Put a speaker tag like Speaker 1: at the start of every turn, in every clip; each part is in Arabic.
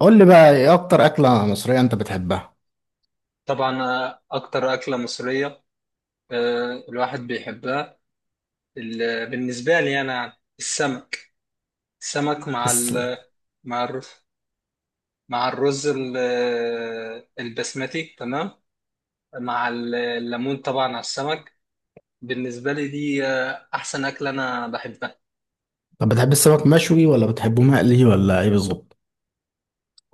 Speaker 1: قول لي بقى ايه اكتر اكله مصريه انت بتحبها.
Speaker 2: طبعا أكتر أكلة مصرية. الواحد بيحبها. بالنسبة لي أنا يعني السمك. السمك
Speaker 1: الس...
Speaker 2: مع الرز. مع الرز البسمتي تمام. مع الليمون طبعا على السمك. بالنسبة لي دي أحسن أكلة أنا بحبها.
Speaker 1: طب بتحب السمك مشوي ولا بتحبه مقلي ولا ايه بالظبط؟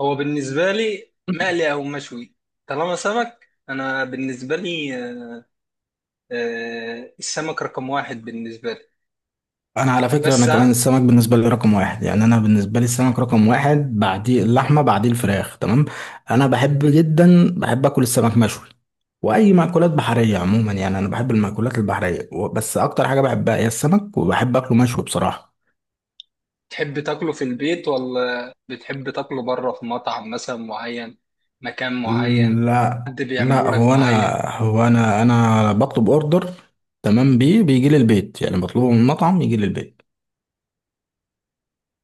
Speaker 2: هو بالنسبة لي مقلي أو مشوي. طالما سمك أنا بالنسبة لي، السمك رقم واحد بالنسبة لي.
Speaker 1: انا على فكره انا
Speaker 2: بس
Speaker 1: كمان السمك بالنسبه لي رقم واحد، يعني انا بالنسبه لي السمك رقم واحد، بعديه اللحمه، بعديه الفراخ، تمام. انا بحب جدا، بحب اكل السمك مشوي، واي مأكولات بحريه عموما، يعني انا بحب المأكولات البحريه بس اكتر حاجه بحبها هي السمك، وبحب اكله مشوي بصراحه.
Speaker 2: تحب تاكله في البيت ولا بتحب تاكله بره في مطعم مثلا معين، مكان معين،
Speaker 1: لا.
Speaker 2: حد بيعمله
Speaker 1: لا
Speaker 2: لك
Speaker 1: هو انا
Speaker 2: معين؟
Speaker 1: هو انا انا بطلب اوردر، تمام بيه، بيجي لي البيت، يعني بطلبه من المطعم يجي لي البيت.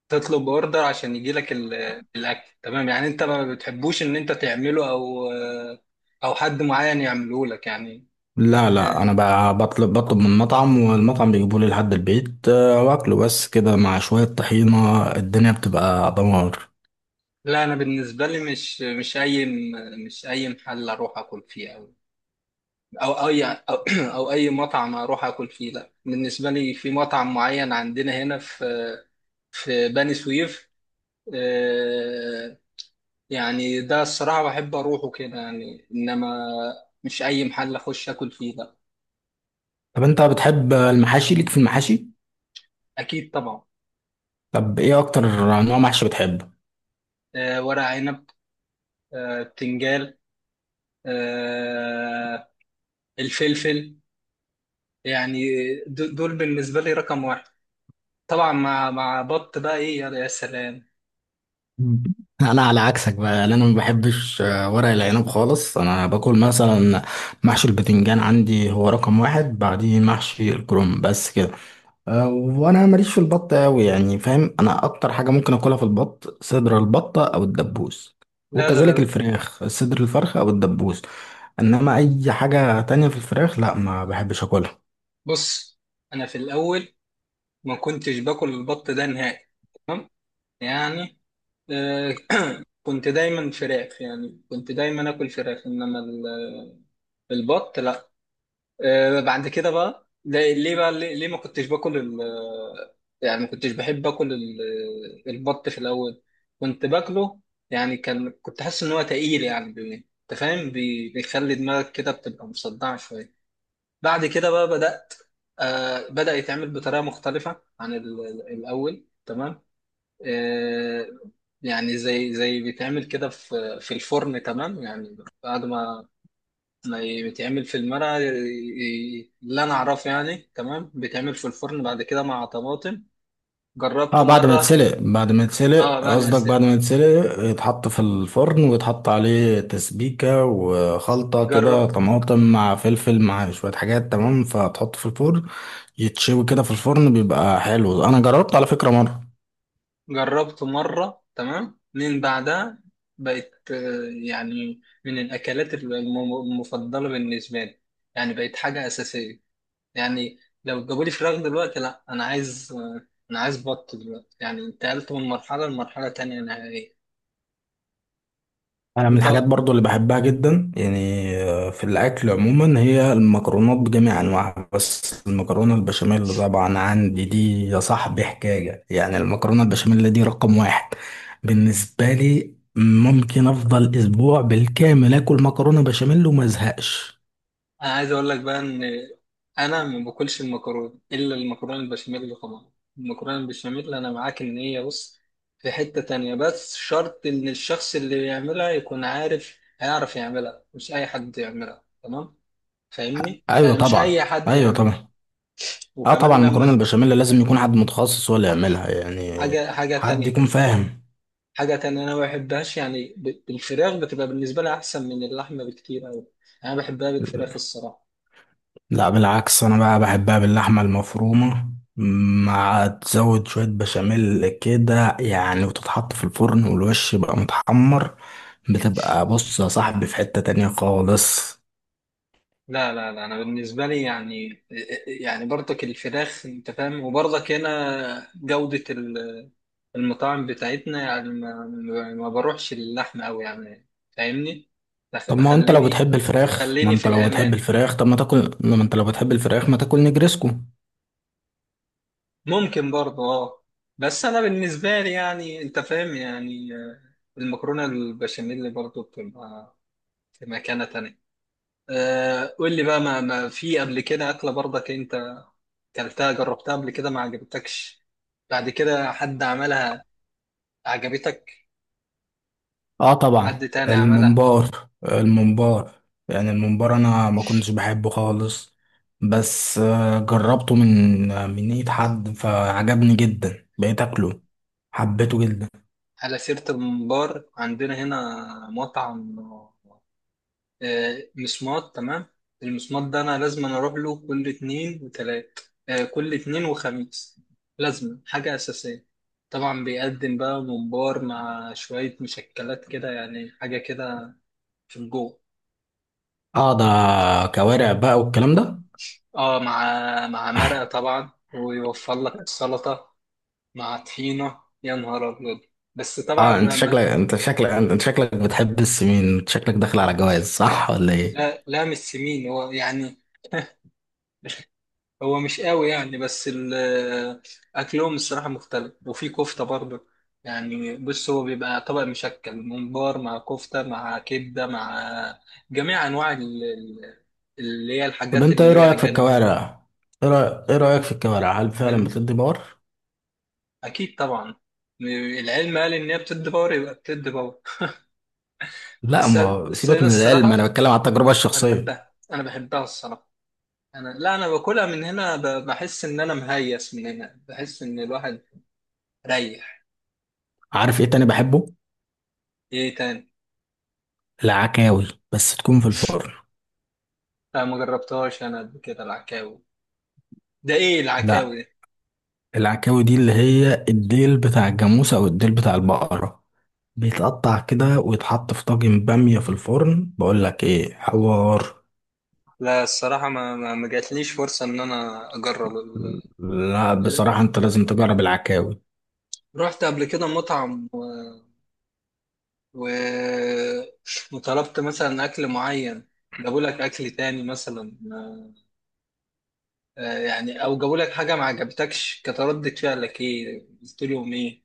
Speaker 2: تطلب اوردر عشان يجي لك الاكل، تمام يعني انت ما بتحبوش ان انت تعمله او او حد معين يعمله لك يعني؟
Speaker 1: لا، لا
Speaker 2: آه،
Speaker 1: انا بقى بطلب بطلب من المطعم والمطعم بيجيبه لي لحد البيت، واكله بس كده مع شوية طحينة، الدنيا بتبقى دمار.
Speaker 2: لا انا بالنسبه لي مش اي محل اروح اكل فيه او أو اي مطعم اروح اكل فيه، لا. بالنسبه لي في مطعم معين عندنا هنا في بني سويف، آه، يعني ده الصراحة بحب أروحه كده يعني، إنما مش أي محل أخش آكل فيه، لا.
Speaker 1: طب انت بتحب المحاشي؟ ليك في المحاشي؟
Speaker 2: أكيد طبعا.
Speaker 1: طب ايه اكتر نوع محشي بتحبه؟
Speaker 2: ورق عنب، بتنجال، آه، الفلفل يعني، دول بالنسبة لي رقم واحد، طبعا مع بط. بقى إيه يا سلام.
Speaker 1: مم. انا على عكسك بقى، لأن انا ما بحبش ورق العنب خالص. انا باكل مثلا محشي البتنجان، عندي هو رقم واحد، بعديه محشي الكرنب، بس كده. وانا ماليش في البط قوي يعني، فاهم؟ انا اكتر حاجه ممكن اكلها في البط، صدر البطه او الدبوس،
Speaker 2: لا ده
Speaker 1: وكذلك
Speaker 2: غل-
Speaker 1: الفراخ صدر الفرخه او الدبوس. انما اي حاجه تانية في الفراخ لا، ما بحبش اكلها.
Speaker 2: بص، أنا في الأول ما كنتش باكل البط ده نهائي يعني. آه، كنت دايما فراخ، يعني كنت دايما آكل فراخ، إنما البط لا. بعد كده بقى ليه ما كنتش باكل ال يعني ما كنتش بحب اكل ال البط. في الاول كنت باكله يعني، كنت حاسس ان هو تقيل يعني، انت فاهم، بيخلي دماغك كده بتبقى مصدعه شويه. بعد كده بقى بدات، بدا يتعمل بطريقه مختلفه عن الاول تمام. آه، يعني زي بيتعمل كده في الفرن تمام يعني. بعد ما بيتعمل في المرقة، اللي أنا أعرفه يعني، تمام بيتعمل في الفرن بعد كده مع طماطم.
Speaker 1: اه،
Speaker 2: جربته
Speaker 1: بعد ما
Speaker 2: مرة.
Speaker 1: يتسلق،
Speaker 2: أه بعد ما
Speaker 1: قصدك بعد
Speaker 2: استوى،
Speaker 1: ما يتسلق يتحط في الفرن ويتحط عليه تسبيكة وخلطة
Speaker 2: جرب.
Speaker 1: كده طماطم مع فلفل مع شوية حاجات، تمام، فتحط في الفرن. يتشوي كده في الفرن بيبقى حلو، انا جربت على فكرة مرة.
Speaker 2: جربته مرة تمام، من بعدها بقت يعني من الأكلات المفضلة بالنسبة لي، يعني بقت حاجة أساسية يعني. لو جابولي فراخ دلوقتي لأ، أنا عايز، أنا عايز بط دلوقتي. يعني انتقلت من مرحلة لمرحلة تانية نهائية.
Speaker 1: انا من الحاجات
Speaker 2: أنت،
Speaker 1: برضو اللي بحبها جدا يعني، في الاكل عموما هي المكرونات بجميع انواعها، بس المكرونه البشاميل طبعا عندي دي يا صاحبي حكايه. يعني المكرونه البشاميل دي رقم واحد بالنسبه لي. ممكن افضل اسبوع بالكامل اكل مكرونه بشاميل وما ازهقش.
Speaker 2: انا عايز اقول لك بقى ان انا ما باكلش المكرونه الا المكرونه البشاميل طبعا. المكرونه البشاميل، انا معاك ان هي، بص، في حته تانية. بس شرط ان الشخص اللي بيعملها يكون عارف، هيعرف يعملها، مش اي حد يعملها، تمام. فاهمني
Speaker 1: ايوه
Speaker 2: يعني، مش اي
Speaker 1: طبعا،
Speaker 2: حد
Speaker 1: ايوه
Speaker 2: يعملها.
Speaker 1: طبعا. اه طبعا،
Speaker 2: وكمان لما
Speaker 1: المكرونه
Speaker 2: ك-
Speaker 1: البشاميل لازم يكون حد متخصص ولا يعملها يعني،
Speaker 2: حاجه،
Speaker 1: حد يكون فاهم.
Speaker 2: حاجه تانية، انا ما بحبهاش يعني، بالفراخ بتبقى بالنسبه لي احسن من اللحمه بكتير قوي. انا بحبها بالفراخ الصراحه.
Speaker 1: لا بالعكس، انا بقى بحبها باللحمه المفرومه، مع تزود شويه بشاميل كده يعني، وتتحط في الفرن والوش يبقى متحمر. بتبقى بص يا صاحبي في حته تانية خالص.
Speaker 2: لا انا بالنسبه لي يعني، يعني برضك الفراخ انت فاهم، وبرضك هنا جوده المطاعم بتاعتنا يعني ما بروحش اللحمه قوي يعني فاهمني.
Speaker 1: طب ما انت لو
Speaker 2: بخليني،
Speaker 1: بتحب الفراخ، ما
Speaker 2: خليني في
Speaker 1: انت لو بتحب
Speaker 2: الامان.
Speaker 1: الفراخ طب ما تاكل ما انت لو بتحب الفراخ ما تاكل نجرسكو.
Speaker 2: ممكن برضه، اه. بس انا بالنسبه لي يعني انت فاهم، يعني المكرونه البشاميل برضه بتبقى في مكانه تانية. قول لي بقى ما في قبل كده اكله برضك كلتها، جربتها قبل كده ما عجبتكش، بعد كده حد عملها عجبتك،
Speaker 1: اه طبعا،
Speaker 2: حد تاني عملها؟
Speaker 1: الممبار، يعني الممبار انا ما كنتش بحبه خالص، بس جربته من من ايد حد فعجبني جدا، بقيت اكله، حبيته جدا.
Speaker 2: على سيرة الممبار، عندنا هنا مطعم مسمار، تمام. المسمار ده أنا لازم أنا أروح له كل اتنين وتلات، كل اتنين وخميس. لازم، حاجة أساسية. طبعا بيقدم بقى ممبار مع شوية مشكلات كده، يعني حاجة كده في الجو.
Speaker 1: اه، ده كوارع بقى والكلام ده.
Speaker 2: اه، مع مرقة طبعا، ويوفر لك السلطة، مع طحينة، يا نهار أبيض. بس طبعا
Speaker 1: اه، انت شكلك بتحب السمين، انت شكلك داخل على جواز، صح ولا ايه؟
Speaker 2: لا لا مش سمين هو يعني. هو مش قوي يعني، بس أكلهم الصراحة مختلف، وفي كفتة برضه يعني. بص، هو بيبقى طبق مشكل، ممبار مع كفتة مع كبدة مع جميع أنواع اللي هي
Speaker 1: طب
Speaker 2: الحاجات
Speaker 1: انت ايه
Speaker 2: اللي هي
Speaker 1: رأيك في
Speaker 2: جانبية.
Speaker 1: الكوارع؟ إيه رأيك في الكوارع؟ هل فعلا
Speaker 2: أنا
Speaker 1: بتدي باور؟
Speaker 2: أكيد طبعا. العلم قال إن هي بتدي باور، يبقى بتدي باور.
Speaker 1: لا،
Speaker 2: بس
Speaker 1: ما هو
Speaker 2: بس
Speaker 1: سيبك
Speaker 2: أنا
Speaker 1: من العلم، انا
Speaker 2: الصراحة،
Speaker 1: بتكلم على التجربة
Speaker 2: أنا
Speaker 1: الشخصية.
Speaker 2: بحبها. أنا بحبها الصراحة. انا، لا، انا باكلها من هنا، بحس ان انا مهيس، من هنا بحس ان الواحد ريح.
Speaker 1: عارف ايه تاني بحبه؟
Speaker 2: ايه تاني؟
Speaker 1: العكاوي، بس تكون في الفرن.
Speaker 2: لا ما جربتهاش انا قبل كده العكاوي. ده ايه العكاوي
Speaker 1: لا،
Speaker 2: دي؟
Speaker 1: العكاوي دي اللي هي الديل بتاع الجاموسة او الديل بتاع البقرة، بيتقطع كده ويتحط في طاجن بامية في الفرن، بقول لك ايه حوار.
Speaker 2: لا الصراحه ما جاتليش فرصه ان انا اجرب ال...
Speaker 1: لا
Speaker 2: ال-
Speaker 1: بصراحة انت لازم تجرب العكاوي.
Speaker 2: رحت قبل كده مطعم و... وطلبت مثلا اكل معين، جابوا لك اكل تاني مثلا، يعني او جابوا لك حاجه ما عجبتكش، كانت ردة فعلك ايه؟ قلت لهم ايه؟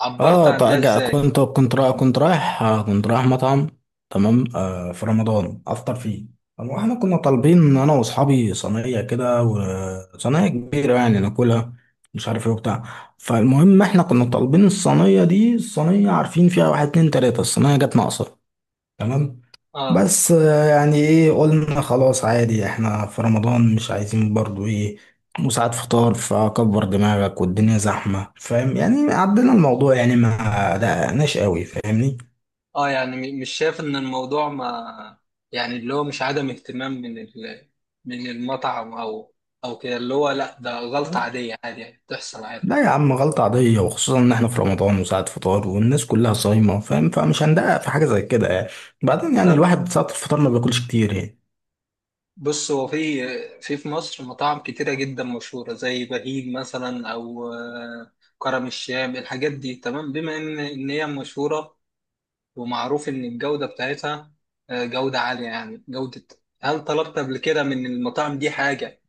Speaker 2: عبرت
Speaker 1: اه
Speaker 2: عن ده
Speaker 1: طيب،
Speaker 2: ازاي؟
Speaker 1: كنت رايح مطعم، تمام، آه، في رمضان افطر فيه. طب واحنا كنا طالبين انا واصحابي صينيه كده، وصينيه كبيره يعني ناكلها، مش عارف ايه وبتاع. فالمهم احنا كنا طالبين الصينيه دي، الصينيه عارفين فيها واحد اتنين تلاته، الصينيه جت ناقصه، تمام.
Speaker 2: اه،
Speaker 1: بس يعني ايه، قلنا خلاص عادي، احنا في رمضان مش عايزين برضو ايه، وساعات فطار فكبر دماغك والدنيا زحمة، فاهم يعني؟ عدينا الموضوع يعني، ما دققناش قوي، فاهمني.
Speaker 2: اه يعني مش شايف ان الموضوع، ما يعني اللي هو مش عدم اهتمام من ال... من المطعم او او كده، اللي هو لا ده غلطة عادية، عادي يعني بتحصل، عادي.
Speaker 1: لا يا عم، غلطة عادية، وخصوصا ان احنا في رمضان وساعة فطار والناس كلها صايمة، فاهم، فمش هندقق في حاجة زي كده يعني. بعدين يعني
Speaker 2: طب
Speaker 1: الواحد ساعة الفطار ما بياكلش كتير يعني.
Speaker 2: بص هو في في مصر مطاعم كتيرة جدا مشهورة زي بهيج مثلا، او كرم الشام، الحاجات دي تمام. بما ان هي مشهورة، ومعروف ان الجودة بتاعتها جودة عالية، يعني جودة. هل طلبت قبل كده من المطاعم دي حاجة،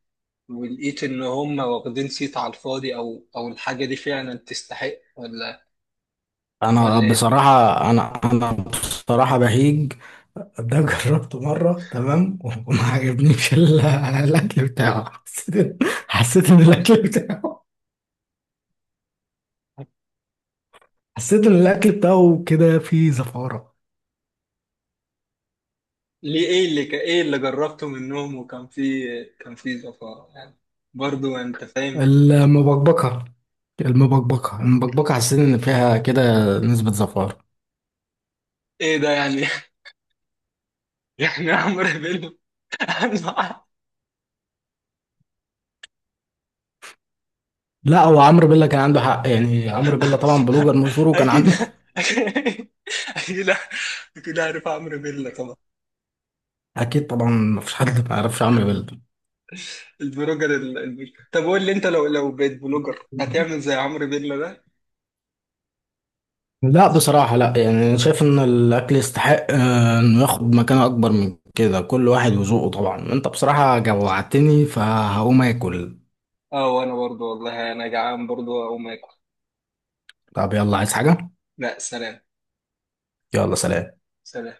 Speaker 2: ولقيت ان هم واخدين صيت على الفاضي، او او الحاجه دي فعلا تستحق، ولا
Speaker 1: انا
Speaker 2: ولا ايه؟
Speaker 1: بصراحة انا انا بصراحة بهيج ده جربته مرة، تمام، وما عجبنيش الأكل بتاعه. حسيت إن الأكل بتاعه كده فيه زفارة.
Speaker 2: ليه؟ ايه اللي ايه اللي جربته منهم وكان في، كان في زفاء يعني؟ برضو انت فاهم؟
Speaker 1: المبكبكة المبكبكة حسيت إن فيها كده نسبة زفارة.
Speaker 2: ايه ده يعني؟ يعني عمرو بيلو.
Speaker 1: لا هو عمرو بيلا كان عنده حق، يعني عمرو بيلا طبعا بلوجر مشهور وكان
Speaker 2: اكيد،
Speaker 1: عنده
Speaker 2: اكيد، اكيد، اكيد عارف عمرو بيلا طبعا،
Speaker 1: أكيد طبعا، مفيش حد ما يعرفش عمرو بيلا.
Speaker 2: البلوجر طب قول لي انت لو بقيت بلوجر هتعمل زي عمرو بيلا ده؟
Speaker 1: لا بصراحة لا، يعني أنا شايف إن الأكل يستحق، إنه ياخد مكانة أكبر من كده، كل واحد وذوقه طبعا، أنت بصراحة جوعتني، فهقوم آكل.
Speaker 2: اه، وانا برضو والله انا جعان برضو اقوم اكل.
Speaker 1: طب يلا، عايز حاجة؟
Speaker 2: لا، سلام.
Speaker 1: يلا سلام.
Speaker 2: سلام.